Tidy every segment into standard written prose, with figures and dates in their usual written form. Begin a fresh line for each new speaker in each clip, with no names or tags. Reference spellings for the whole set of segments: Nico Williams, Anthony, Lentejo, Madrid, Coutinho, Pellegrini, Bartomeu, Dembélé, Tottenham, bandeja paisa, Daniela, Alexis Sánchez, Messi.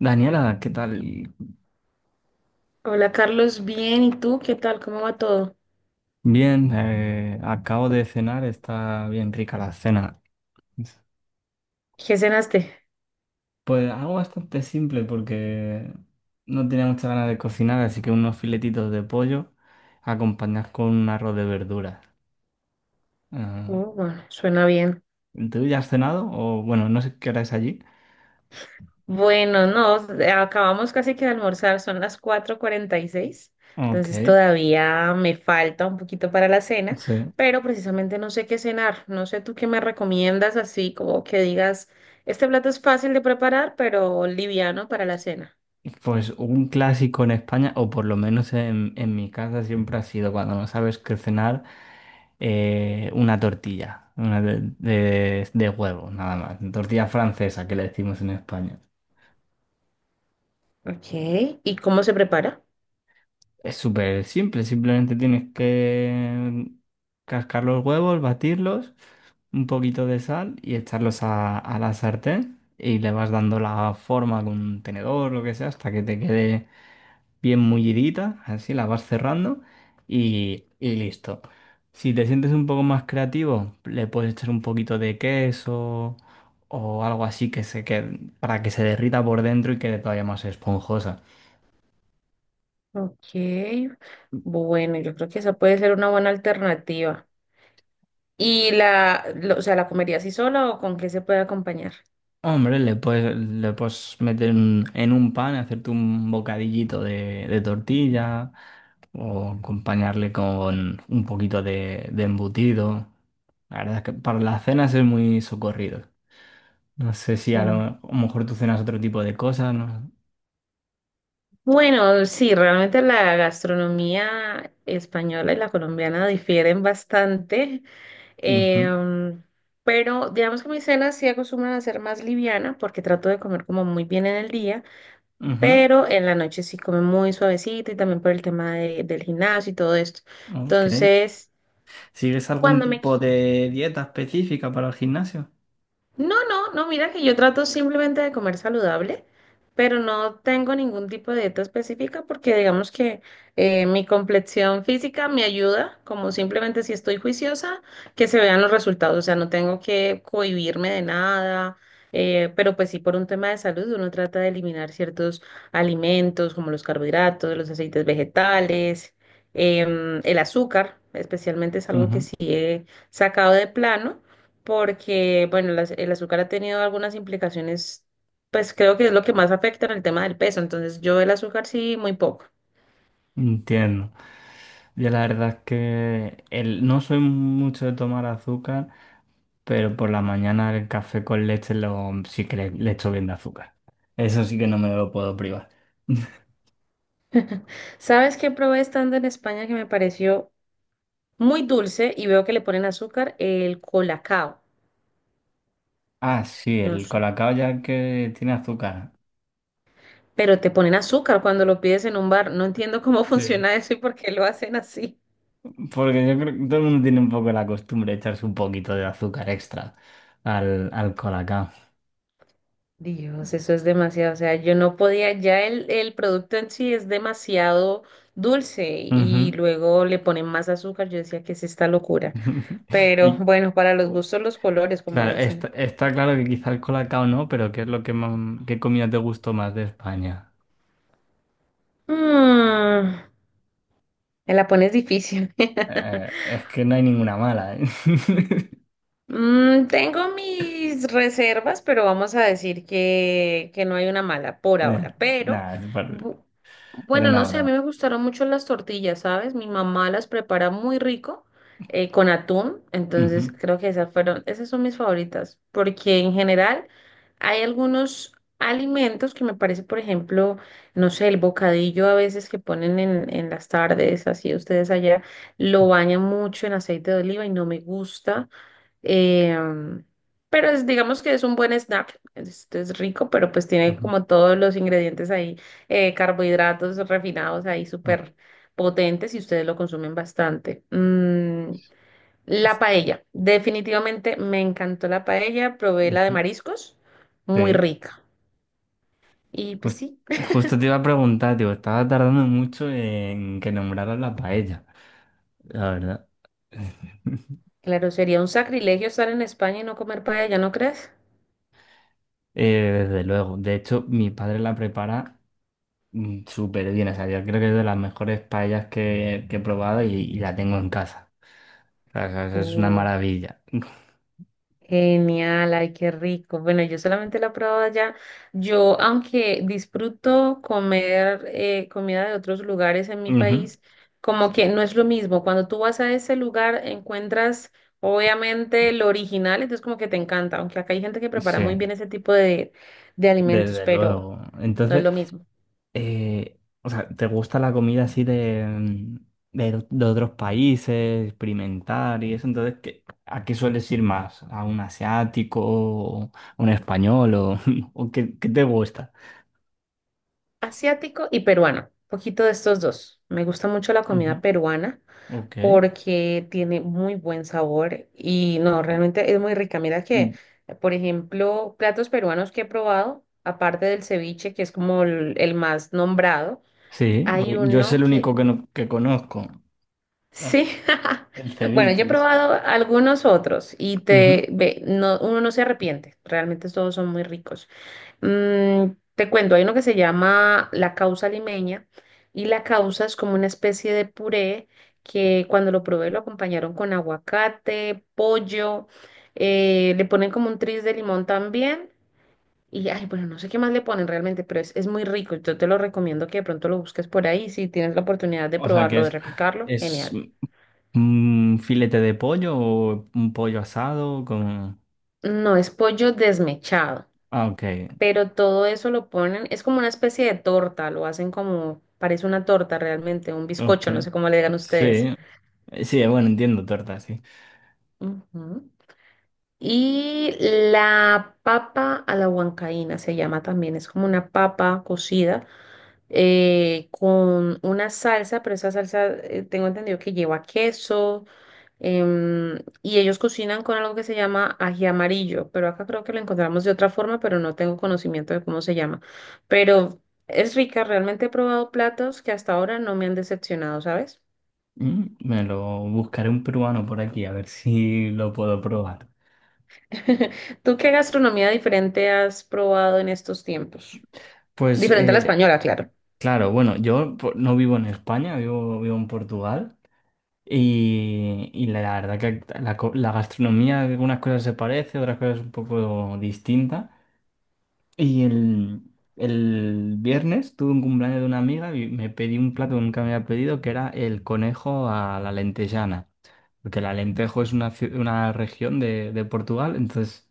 Daniela, ¿qué tal?
Hola Carlos, bien, ¿y tú qué tal? ¿Cómo va todo?
Bien, acabo de cenar, está bien rica la cena.
¿Qué cenaste?
Pues algo bastante simple porque no tenía muchas ganas de cocinar, así que unos filetitos de pollo acompañados con un arroz de verduras. Ah,
Oh, bueno, suena bien.
¿tú ya has cenado? O bueno, no sé qué hora es allí.
Bueno, no, acabamos casi que de almorzar, son las 4:46,
Ok,
entonces todavía me falta un poquito para la cena,
sí.
pero precisamente no sé qué cenar, no sé tú qué me recomiendas así, como que digas, este plato es fácil de preparar, pero liviano para la cena.
Pues un clásico en España, o por lo menos en mi casa siempre ha sido cuando no sabes qué cenar. Una tortilla, una de huevo, nada más. Tortilla francesa que le decimos en España.
Ok, ¿y cómo se prepara?
Es súper simple, simplemente tienes que cascar los huevos, batirlos, un poquito de sal y echarlos a la sartén y le vas dando la forma con un tenedor, lo que sea, hasta que te quede bien mullidita, así la vas cerrando y listo. Si te sientes un poco más creativo, le puedes echar un poquito de queso o algo así que se quede, para que se derrita por dentro y quede todavía más esponjosa.
Ok, bueno, yo creo que esa puede ser una buena alternativa. O sea, ¿la comería así sola o con qué se puede acompañar?
Hombre, le puedes meter en un pan, hacerte un bocadillito de tortilla o acompañarle con un poquito de embutido. La verdad es que para las cenas es muy socorrido. No sé si a lo,
Mm.
a lo mejor tú cenas otro tipo de cosas, ¿no?
Bueno, sí, realmente la gastronomía española y la colombiana difieren bastante,
Ujú,
em, pero digamos que mi cena sí acostumbran a ser más liviana porque trato de comer como muy bien en el día,
ujú,
pero en la noche sí come muy suavecito y también por el del gimnasio y todo esto.
ok.
Entonces,
¿Sigues algún
cuando me
tipo de dieta específica para el gimnasio?
no, no, no, mira que yo trato simplemente de comer saludable, pero no tengo ningún tipo de dieta específica porque digamos que mi complexión física me ayuda, como simplemente si estoy juiciosa, que se vean los resultados, o sea, no tengo que cohibirme de nada, pero pues sí por un tema de salud uno trata de eliminar ciertos alimentos como los carbohidratos, los aceites vegetales, el azúcar, especialmente es algo que
Ujú.
sí he sacado de plano porque, bueno, el azúcar ha tenido algunas implicaciones, pues creo que es lo que más afecta en el tema del peso, entonces yo el azúcar sí, muy poco.
Entiendo. Yo la verdad es que no soy mucho de tomar azúcar, pero por la mañana el café con leche lo, sí que le echo bien de azúcar. Eso sí que no me lo puedo privar.
¿Sabes qué probé estando en España que me pareció muy dulce y veo que le ponen azúcar? El colacao,
Ah, sí,
no
el
sé.
colacao ya que tiene azúcar.
Pero te ponen azúcar cuando lo pides en un bar. No entiendo cómo
Sí.
funciona eso y por qué lo hacen así.
Porque yo creo que todo el mundo tiene un poco la costumbre de echarse un poquito de azúcar extra al colacao.
Dios, eso es demasiado. O sea, yo no podía, ya el producto en sí es demasiado dulce y
Ujú.
luego le ponen más azúcar. Yo decía que es esta locura. Pero
Y
bueno, para los gustos, los colores, como
claro, está,
dicen.
está claro que quizá el colacao no, pero ¿qué es lo que más- ¿qué comida te gustó más de España?
Mm, me la pones difícil.
Es que no hay ninguna mala, ¿eh?
Mm, tengo mis reservas, pero vamos a decir que, no hay una mala por
Nah,
ahora. Pero,
nah,
bu-
era
bueno, no
una
sé, a
broma.
mí me gustaron mucho las tortillas, ¿sabes? Mi mamá las prepara muy rico con atún, entonces
Ujú,
creo que esas fueron, esas son mis favoritas, porque en general hay algunos alimentos que me parece, por ejemplo, no sé, el bocadillo a veces que ponen en las tardes, así ustedes allá, lo bañan mucho en aceite de oliva y no me gusta. Em, pero digamos que es un buen snack. Es rico, pero pues tiene
ujú,
como todos los ingredientes ahí, carbohidratos refinados ahí
ujú.
súper potentes y ustedes lo consumen bastante. Mm, la
Es-
paella. Definitivamente me encantó la paella. Probé la de
ujú.
mariscos. Muy
Sí.
rica. Y pues
Jus-
sí,
Justo te iba a preguntar, tío, estaba tardando mucho en que nombraras la paella, la verdad.
claro, sería un sacrilegio estar en España y no comer paella, ¿no crees?
Desde luego. De hecho, mi padre la prepara súper bien. O sea, yo creo que es de las mejores paellas que he probado y la tengo en casa. O sea, o es una maravilla.
Genial, ay, qué rico. Bueno, yo solamente la he probado allá. Yo, aunque disfruto comer comida de otros lugares en mi
Ujú.
país, como que
Sí,
no es lo mismo. Cuando tú vas a ese lugar, encuentras obviamente lo original, entonces como que te encanta, aunque acá hay gente que prepara
sí,
muy bien ese tipo de alimentos,
desde
pero
luego.
no es
Entonces,
lo mismo.
o sea, ¿te gusta la comida así de, de otros países, experimentar y eso? Entonces, ¿a qué sueles ir más? ¿A un asiático, o a un español o, o qué te gusta?
Asiático y peruano, poquito de estos dos. Me gusta mucho la comida
Ujú.
peruana
Ok.
porque tiene muy buen sabor y no, realmente es muy rica. Mira que, por ejemplo, platos peruanos que he probado, aparte del ceviche, que es como el más nombrado,
Sí,
hay
porque yo es
uno
el
que,
único que, no- que conozco, eh,
sí,
el
bueno, yo he
ceviche.
probado algunos otros y
Ujú.
te, ve, no, uno no se arrepiente, realmente todos son muy ricos. Mm, te cuento, hay uno que se llama la causa limeña y la causa es como una especie de puré que cuando lo probé lo acompañaron con aguacate, pollo, le ponen como un tris de limón también y ay, bueno, no sé qué más le ponen realmente, pero es muy rico. Yo te lo recomiendo que de pronto lo busques por ahí si tienes la oportunidad de
O sea que
probarlo, de replicarlo,
es
genial.
un filete de pollo o un pollo asado con...
No, es pollo desmechado.
Ah,
Pero todo eso lo ponen, es como una especie de torta, lo hacen como, parece una torta realmente, un
ok.
bizcocho, no sé cómo le digan
Sí,
ustedes.
sí, bueno, entiendo torta, sí.
Ujú. Y la papa a la huancaína se llama también, es como una papa cocida con una salsa, pero esa salsa tengo entendido que lleva queso. Em, y ellos cocinan con algo que se llama ají amarillo, pero acá creo que lo encontramos de otra forma, pero no tengo conocimiento de cómo se llama. Pero es rica, realmente he probado platos que hasta ahora no me han decepcionado, ¿sabes?
Mm, me lo buscaré un peruano por aquí a ver si lo puedo probar.
¿Tú qué gastronomía diferente has probado en estos tiempos?
Pues
Diferente a la española, claro.
claro, bueno, no vivo en España, vivo en Portugal. Y la verdad que la gastronomía, algunas cosas se parece, otras cosas un poco distinta. Y el viernes tuve un cumpleaños de una amiga y me pedí un plato que nunca me había pedido, que era el conejo a la lentejana. Porque la Lentejo es una, una región de Portugal, entonces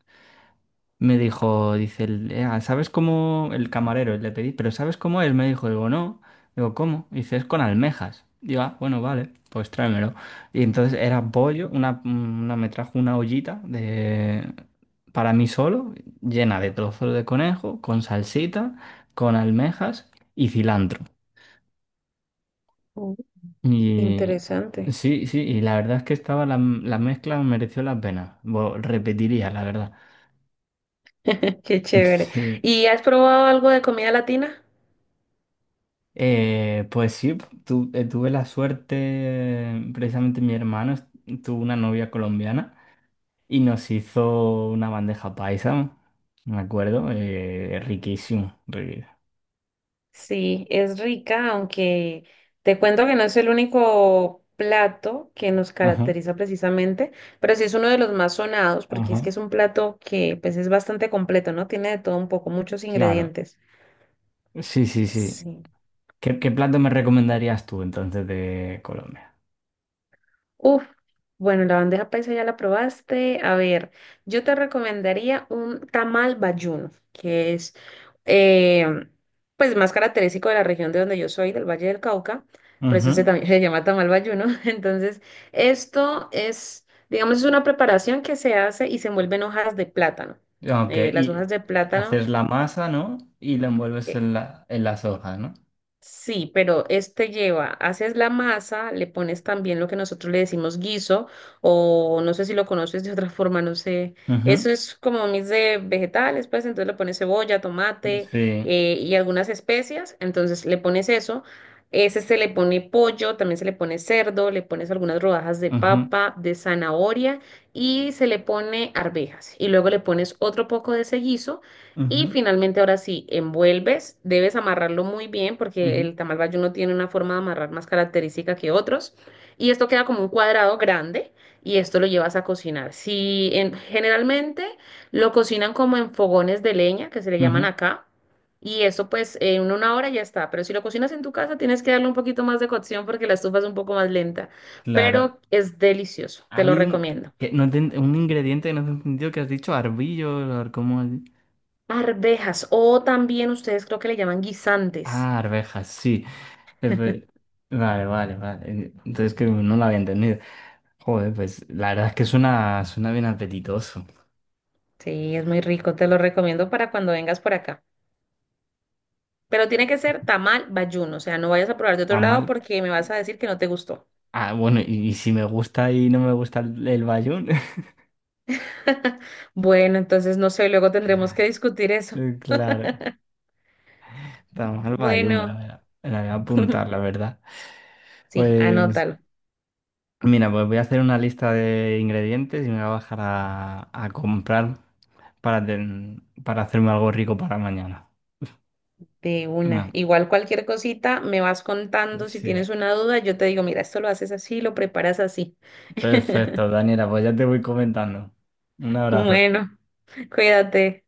me dijo, dice, ¿sabes cómo? El camarero le pedí, pero ¿sabes cómo es? Me dijo, digo, no. Digo, ¿cómo? Dice, es con almejas. Digo, ah, bueno, vale, pues tráemelo. Y entonces era pollo, me trajo una ollita de, para mí solo, llena de trozos de conejo, con salsita, con almejas y cilantro.
Mm,
Y
interesante.
sí, sí, y la verdad es que la mezcla mereció la pena. Repetiría, la verdad.
Qué chévere.
Sí.
¿Y has probado algo de comida latina?
Pues sí, tuve la suerte, precisamente tuvo una novia colombiana y nos hizo una bandeja paisa, me acuerdo, riquísimo.
Sí, es rica, aunque te cuento que no es el único plato que nos
Ajá,
caracteriza precisamente, pero sí es uno de los más sonados porque
ajá.
es que es un plato que pues es bastante completo, ¿no? Tiene de todo un poco, muchos
Claro,
ingredientes.
sí, sí, sí.
Sí.
¿Qué, qué plato me recomendarías tú entonces de Colombia?
Uf, bueno, la bandeja paisa ya la probaste. A ver, yo te recomendaría un tamal bayuno, que es eh, pues más característico de la región de donde yo soy, del Valle del Cauca. Por eso se
Ujú,
también se llama tamal bayuno. Entonces, esto es, digamos, es una preparación que se hace y se envuelve en hojas de plátano.
ok,
Las
y
hojas de
haces
plátano.
la masa, ¿no? Y la envuelves
eh,
en las hojas, ¿no?
Sí, pero este lleva, haces la masa, le pones también lo que nosotros le decimos guiso, o no sé si lo conoces de otra forma, no sé. Eso es como un mix de vegetales, pues entonces le pones cebolla,
Ujú,
tomate
sí.
y algunas especias, entonces le pones eso. Ese se le pone pollo, también se le pone cerdo, le pones algunas rodajas de
Ujú,
papa, de zanahoria y se le pone arvejas. Y luego le pones otro poco de ese guiso y
ujú,
finalmente, ahora sí, envuelves, debes amarrarlo muy bien porque
ujú,
el tamal bayuno tiene una forma de amarrar más característica que otros. Y esto queda como un cuadrado grande y esto lo llevas a cocinar. Si en- generalmente lo cocinan como en fogones de leña, que se le llaman
ujú.
acá, y eso pues en una hora ya está. Pero si lo cocinas en tu casa, tienes que darle un poquito más de cocción porque la estufa es un poco más lenta,
Claro,
pero es delicioso,
ha
te lo
habido un,
recomiendo.
que no te- un ingrediente que no te he entendido que has dicho, arbillo, ¿cómo? Es?
Arvejas o también ustedes creo que le llaman guisantes.
Ah, arvejas, sí. Eh, pe- Vale, vale, vale. Entonces que no lo había entendido. Joder, pues la verdad es que suena, suena bien apetitoso.
Sí, es muy rico, te lo recomiendo para cuando vengas por acá. Pero tiene que ser tamal bayuno, o sea, no vayas a probar de otro
Tan
lado
mal.
porque me vas a decir que no te gustó.
Ah, bueno, y si me gusta y no me gusta el bayún,
Bueno, entonces no sé, luego tendremos que discutir eso.
claro. Tan mal bayún,
Bueno,
voy a me la voy a apuntar, la verdad.
sí,
Pues
anótalo
mira, pues voy a hacer una lista de ingredientes y me voy a bajar a comprar. Para, para hacerme algo rico para mañana.
de una.
Ah,
Igual cualquier cosita me vas contando, si
sí,
tienes una duda, yo te digo, mira, esto lo haces así, lo preparas así.
perfecto, Daniela, pues ya te voy comentando. Un abrazo.
Bueno, cuídate.